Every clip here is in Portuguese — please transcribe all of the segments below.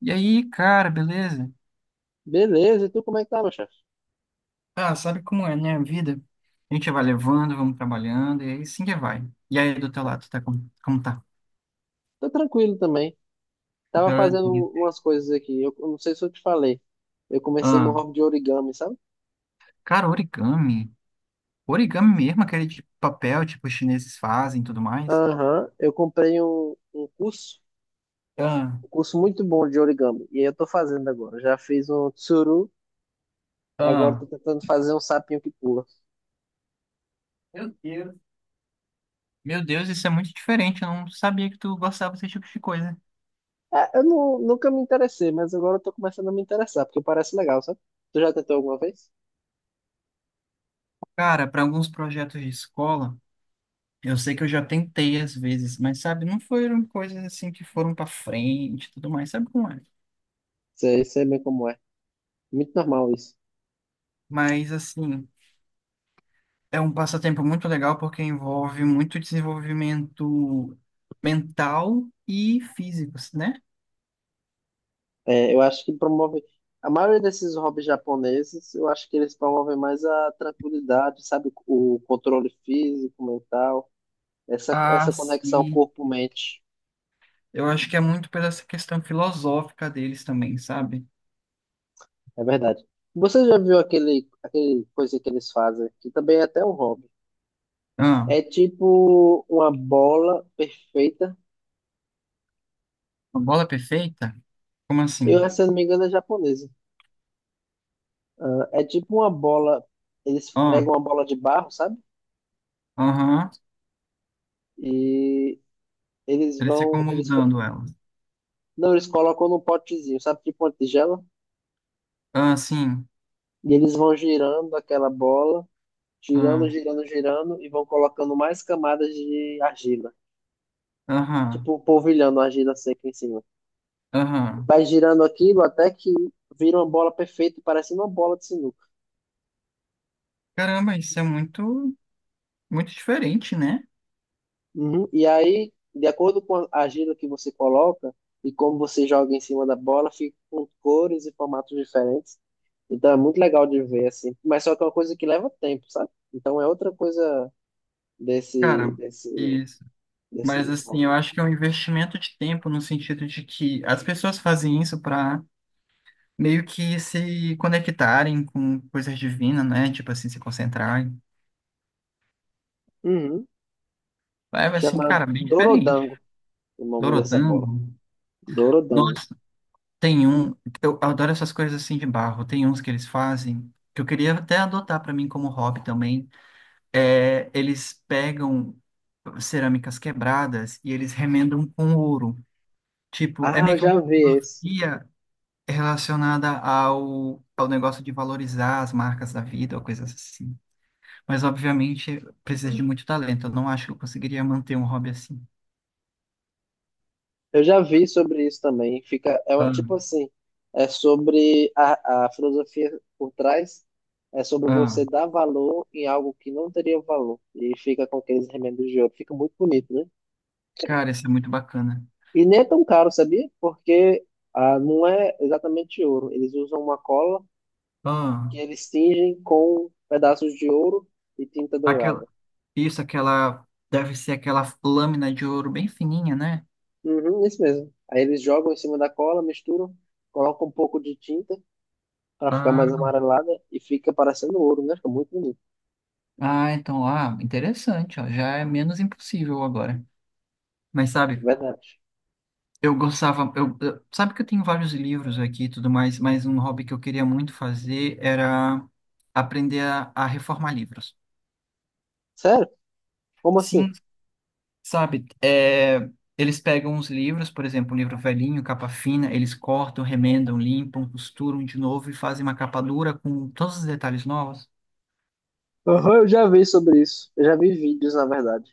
E aí, cara, beleza? Beleza, e tu como é que tá, meu chefe? Ah, sabe como é, né? A vida. A gente vai levando, vamos trabalhando, e aí sim que vai. E aí, do teu lado, tá como, tá? Tô tranquilo também. Tava Glória a fazendo Deus. umas coisas aqui. Eu não sei se eu te falei. Eu comecei no Ah, hobby de origami, sabe? cara, origami. Origami mesmo, aquele de papel, tipo, os chineses fazem e tudo mais. Aham, eu comprei um curso, Ah, um curso muito bom de origami. E aí eu tô fazendo agora. Já fiz um tsuru, agora tô ah. tentando fazer um sapinho que pula. Meu Deus. Meu Deus, isso é muito diferente. Eu não sabia que tu gostava desse tipo de coisa. É, eu não, nunca me interessei, mas agora eu tô começando a me interessar, porque parece legal, sabe? Tu já tentou alguma vez? Cara, para alguns projetos de escola, eu sei que eu já tentei às vezes, mas sabe, não foram coisas assim que foram para frente e tudo mais. Sabe como é? Sei, sei bem como é. Muito normal isso. Mas, assim, é um passatempo muito legal porque envolve muito desenvolvimento mental e físico, né? É, eu acho que promove. A maioria desses hobbies japoneses, eu acho que eles promovem mais a tranquilidade, sabe? O controle físico, mental, essa, Ah, essa conexão sim, corpo-mente. eu acho que é muito pela essa questão filosófica deles também, sabe? É verdade. Você já viu aquele coisa que eles fazem, que também é até um hobby? Ah, É tipo uma bola perfeita. uma bola é perfeita? Como assim? Eu, se eu não me engano, é japonesa. Ah, é tipo uma bola. Eles Ó, pegam uma bola de barro, sabe? aham, E eles eles ficam vão. Eles, moldando ela. não, eles colocam num potezinho, sabe, tipo uma tigela? Ah, sim, E eles vão girando aquela bola, girando, ah, girando, girando, e vão colocando mais camadas de argila. aham, Tipo, um polvilhando a argila seca em cima. aham. Vai girando aquilo até que vira uma bola perfeita, parecendo uma bola de sinuca. Caramba, isso é muito, muito diferente, né? Uhum. E aí, de acordo com a argila que você coloca e como você joga em cima da bola, fica com cores e formatos diferentes. Então é muito legal de ver, assim. Mas só que é uma coisa que leva tempo, sabe? Então é outra coisa desse, Cara, desse isso. desse, Mas assim, eu acho que é um investimento de tempo no sentido de que as pessoas fazem isso para meio que se conectarem com coisas divinas, né? Tipo assim, se concentrarem. uhum, É assim, chamado cara, bem diferente. Dorodango, o nome dessa bola. Dorodango. Dorodango. Nossa, tem um. Eu adoro essas coisas assim de barro. Tem uns que eles fazem que eu queria até adotar para mim como hobby também. É, eles pegam cerâmicas quebradas e eles remendam com ouro. Tipo, é Ah, eu meio que uma já vi esse. filosofia relacionada ao negócio de valorizar as marcas da vida ou coisas assim. Mas, obviamente, precisa de muito talento. Eu não acho que eu conseguiria manter um hobby assim. Eu já vi sobre isso também. Fica, é Ah, tipo assim, é sobre a filosofia por trás, é sobre ah, você dar valor em algo que não teria valor. E fica com aqueles remendos de ouro. Fica muito bonito, né? cara, isso é muito bacana. E nem é tão caro, sabia? Porque ah, não é exatamente ouro. Eles usam uma cola Ah, que eles tingem com pedaços de ouro e tinta aquela, dourada. isso, aquela, deve ser aquela lâmina de ouro bem fininha, né? Uhum, isso mesmo. Aí eles jogam em cima da cola, misturam, colocam um pouco de tinta para ficar mais Ah, amarelada e fica parecendo ouro, né? Fica muito bonito, ah, então, ah, interessante, ó, já é menos impossível agora. Mas é sabe, verdade. eu gostava, eu, sabe que eu tenho vários livros aqui e tudo mais, mas um hobby que eu queria muito fazer era aprender a reformar livros. Sério? Como Sim, assim? sabe? É, eles pegam os livros, por exemplo, um livro velhinho, capa fina, eles cortam, remendam, limpam, costuram de novo e fazem uma capa dura com todos os detalhes novos. Aham, eu já vi sobre isso. Eu já vi vídeos, na verdade.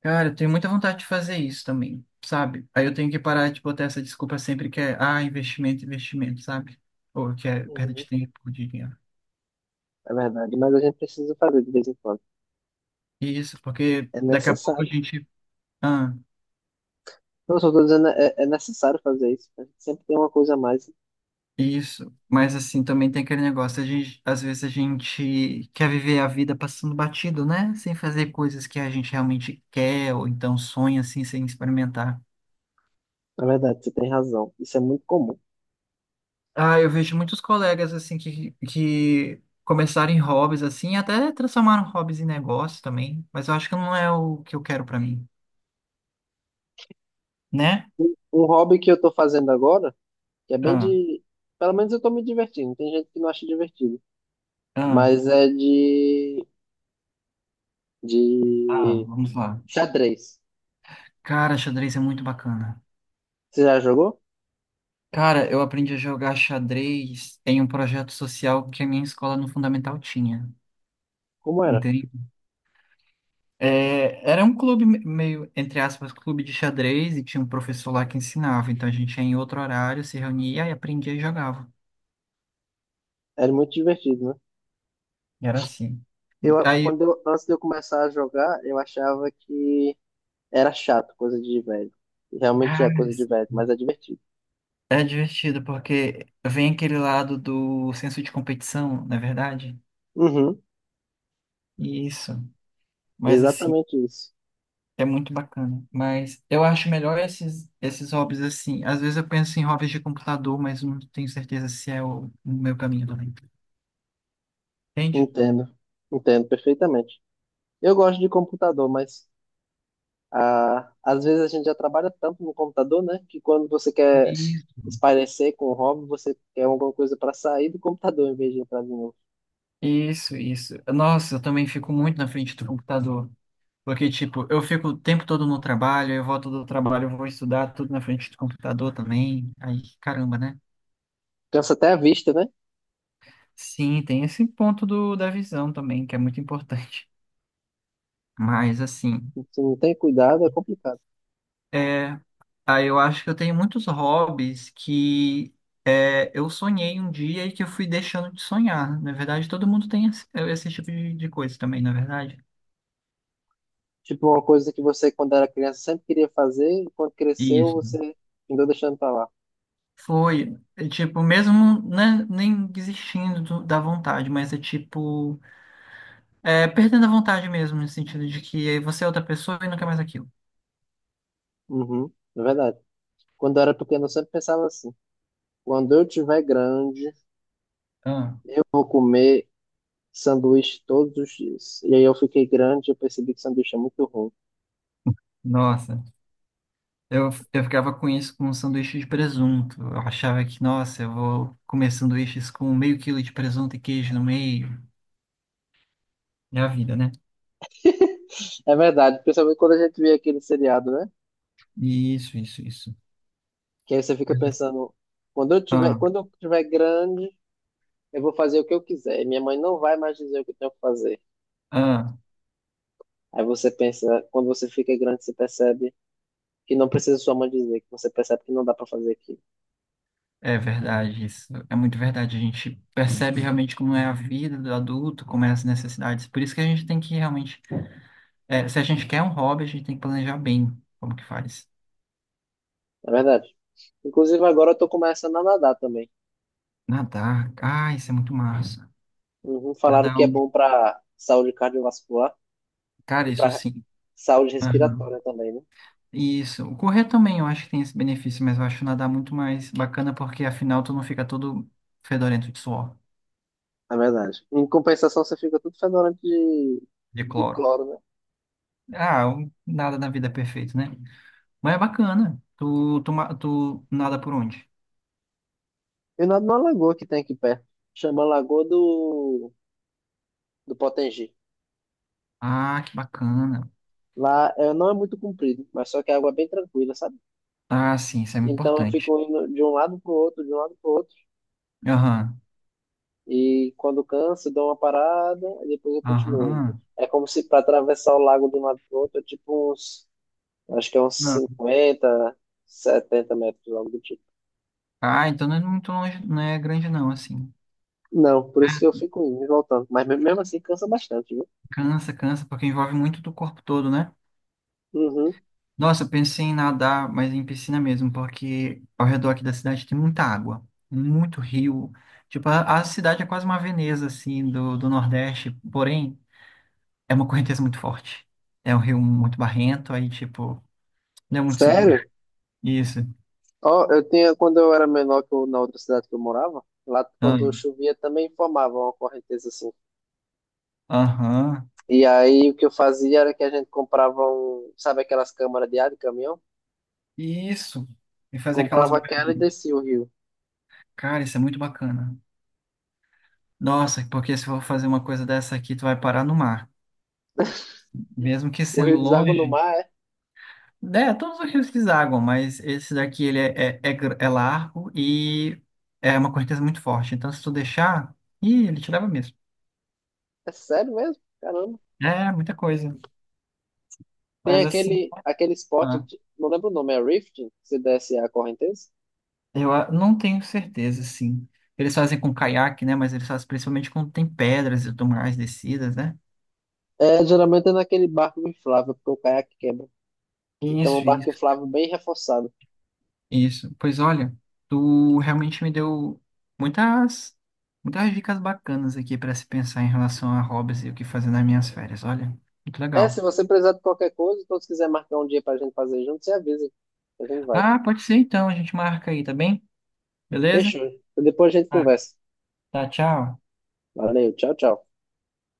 Cara, eu tenho muita vontade de fazer isso também, sabe? Aí eu tenho que parar de botar essa desculpa sempre que é, ah, investimento, investimento, sabe? Ou que é perda de Uhum, tempo, de dinheiro. é verdade, mas a gente precisa fazer de vez em quando. Isso, porque É daqui a pouco a necessário. gente. Ah, Eu só tô dizendo, é, é necessário fazer isso. A gente sempre tem uma coisa a mais. isso. Mas assim, também tem aquele negócio, a gente, às vezes a gente quer viver a vida passando batido, né? Sem fazer coisas que a gente realmente quer, ou então sonha assim, sem experimentar. Na verdade, você tem razão. Isso é muito comum. Ah, eu vejo muitos colegas assim que começaram em hobbies assim, até transformaram hobbies em negócio também, mas eu acho que não é o que eu quero pra mim, né? Um hobby que eu tô fazendo agora, que é bem Ah, de. Pelo menos eu tô me divertindo. Tem gente que não acha divertido. ah, Mas é de ah, vamos lá. xadrez. Cara, xadrez é muito bacana. Você já jogou? Cara, eu aprendi a jogar xadrez em um projeto social que a minha escola no Fundamental tinha, Como era? entende? É, era um clube meio, entre aspas, clube de xadrez e tinha um professor lá que ensinava. Então a gente ia em outro horário, se reunia e aprendia e jogava. Era muito divertido, né? E era assim. Eu, Aí, quando eu, antes de eu começar a jogar, eu achava que era chato, coisa de velho. Realmente ah, é coisa de velho, mas é divertido. é divertido porque vem aquele lado do senso de competição, não é verdade? Uhum, Isso. Mas assim, exatamente isso. é muito bacana, mas eu acho melhor esses, hobbies assim. Às vezes eu penso em hobbies de computador, mas não tenho certeza se é o meu caminho também. Entende? Entendo, entendo perfeitamente. Eu gosto de computador, mas ah, às vezes a gente já trabalha tanto no computador, né? Que quando você quer Isso. espairecer com o hobby, você quer alguma coisa para sair do computador em vez de entrar de novo. Isso, isso. Nossa, eu também fico muito na frente do computador. Porque, tipo, eu fico o tempo todo no trabalho, eu volto do trabalho, eu vou estudar tudo na frente do computador também. Aí, caramba, né? Cansa até a vista, né? Sim, tem esse ponto do, da visão também, que é muito importante. Mas, assim. Se não tem cuidado, é complicado. É. Ah, eu acho que eu tenho muitos hobbies que é, eu sonhei um dia e que eu fui deixando de sonhar. Na verdade, todo mundo tem esse, é, esse tipo de coisa também, na verdade. Tipo, uma coisa que você, quando era criança, sempre queria fazer, e quando cresceu, Isso. você andou deixando pra lá. Foi, é, tipo, mesmo né, nem desistindo da vontade, mas é tipo, é, perdendo a vontade mesmo, no sentido de que você é outra pessoa e não quer mais aquilo. Uhum, é verdade. Quando eu era pequeno, eu sempre pensava assim: quando eu tiver grande, Ah, eu vou comer sanduíche todos os dias. E aí eu fiquei grande e eu percebi que sanduíche é muito ruim. nossa, eu ficava com isso com um sanduíche de presunto. Eu achava que, nossa, eu vou comer sanduíches com meio quilo de presunto e queijo no meio. É a vida, né? É verdade, principalmente quando a gente vê aquele seriado, né? Isso, isso, isso. Que aí você fica pensando: Ah, quando eu tiver grande, eu vou fazer o que eu quiser. E minha mãe não vai mais dizer o que eu tenho que fazer. ah, Aí você pensa, quando você fica grande, você percebe que não precisa sua mãe dizer, que você percebe que não dá pra fazer aquilo. é verdade isso. É muito verdade. A gente percebe realmente como é a vida do adulto, como é as necessidades. Por isso que a gente tem que realmente, é, se a gente quer um hobby, a gente tem que planejar bem como que faz. É verdade. Inclusive, agora eu tô começando a nadar também. Nadar, ah, isso é muito massa. Uhum, falaram Nadar, é que é um- bom pra saúde cardiovascular cara, e isso pra sim. saúde Aham. respiratória também, né? Isso. O correr também, eu acho que tem esse benefício, mas eu acho nadar muito mais bacana porque afinal tu não fica todo fedorento de suor, É verdade. Em compensação, você fica tudo fedorento de de cloro. cloro, né? Ah, um- nada na vida é perfeito, né? Mas é bacana. Tu nada por onde? Eu nado numa lagoa que tem aqui perto. Chama Lagoa do Potengi. Ah, que bacana. Lá é, não é muito comprido, mas só que a água é bem tranquila, sabe? Ah, sim, isso é Então eu importante. fico indo de um lado pro outro, de um lado pro outro. Aham, E quando canso, dou uma parada e depois eu continuo. aham. É como se para atravessar o lago de um lado para outro, é tipo uns, acho que é uns Ah, 50 70 metros, algo do tipo. ah, então não é muito longe, não é grande não, assim. Não, por isso que eu fico indo e voltando. Mas mesmo assim cansa bastante, viu? Cansa, cansa, porque envolve muito do corpo todo, né? Uhum. Nossa, eu pensei em nadar, mas em piscina mesmo, porque ao redor aqui da cidade tem muita água, muito rio. Tipo, a cidade é quase uma Veneza, assim, do Nordeste, porém, é uma correnteza muito forte. É um rio muito barrento, aí, tipo, não é muito seguro. Sério? Isso. Ó, eu tinha, quando eu era menor na outra cidade que eu morava, lá quando Ah, chovia também formava uma correnteza assim. aham. E aí o que eu fazia era que a gente comprava um, sabe aquelas câmaras de ar de caminhão? Isso. E fazer aquelas Comprava aquela e barulhinhas. descia o rio. Cara, isso é muito bacana. Nossa, porque se eu for fazer uma coisa dessa aqui, tu vai parar no mar. Mesmo que O rio sendo deságua no longe. mar. É, todos os rios desaguam, mas esse daqui ele é largo e é uma correnteza muito forte. Então, se tu deixar, ih, ele te leva mesmo. É sério mesmo? Caramba. É, muita coisa. Tem Mas assim, aquele esporte, tá. de- não lembro o nome, é rafting? Se desce a correnteza? Eu ah, não tenho certeza, sim. Eles fazem com caiaque, né? Mas eles fazem principalmente quando tem pedras e tudo mais descidas, né? É, geralmente é naquele barco inflável, porque o caiaque quebra. Então é um Isso, barco isso. inflável bem reforçado. Isso. Pois olha, tu realmente me deu muitas, muitas dicas bacanas aqui para se pensar em relação a hobbies e o que fazer nas minhas férias. Olha, muito É, se legal. você precisar de qualquer coisa, ou se quiser marcar um dia pra gente fazer junto, você avisa. A gente vai. Ah, pode ser então, a gente marca aí, tá bem? Beleza? Fechou. Depois a gente Ah, conversa. tá, tchau. Valeu, tchau, tchau.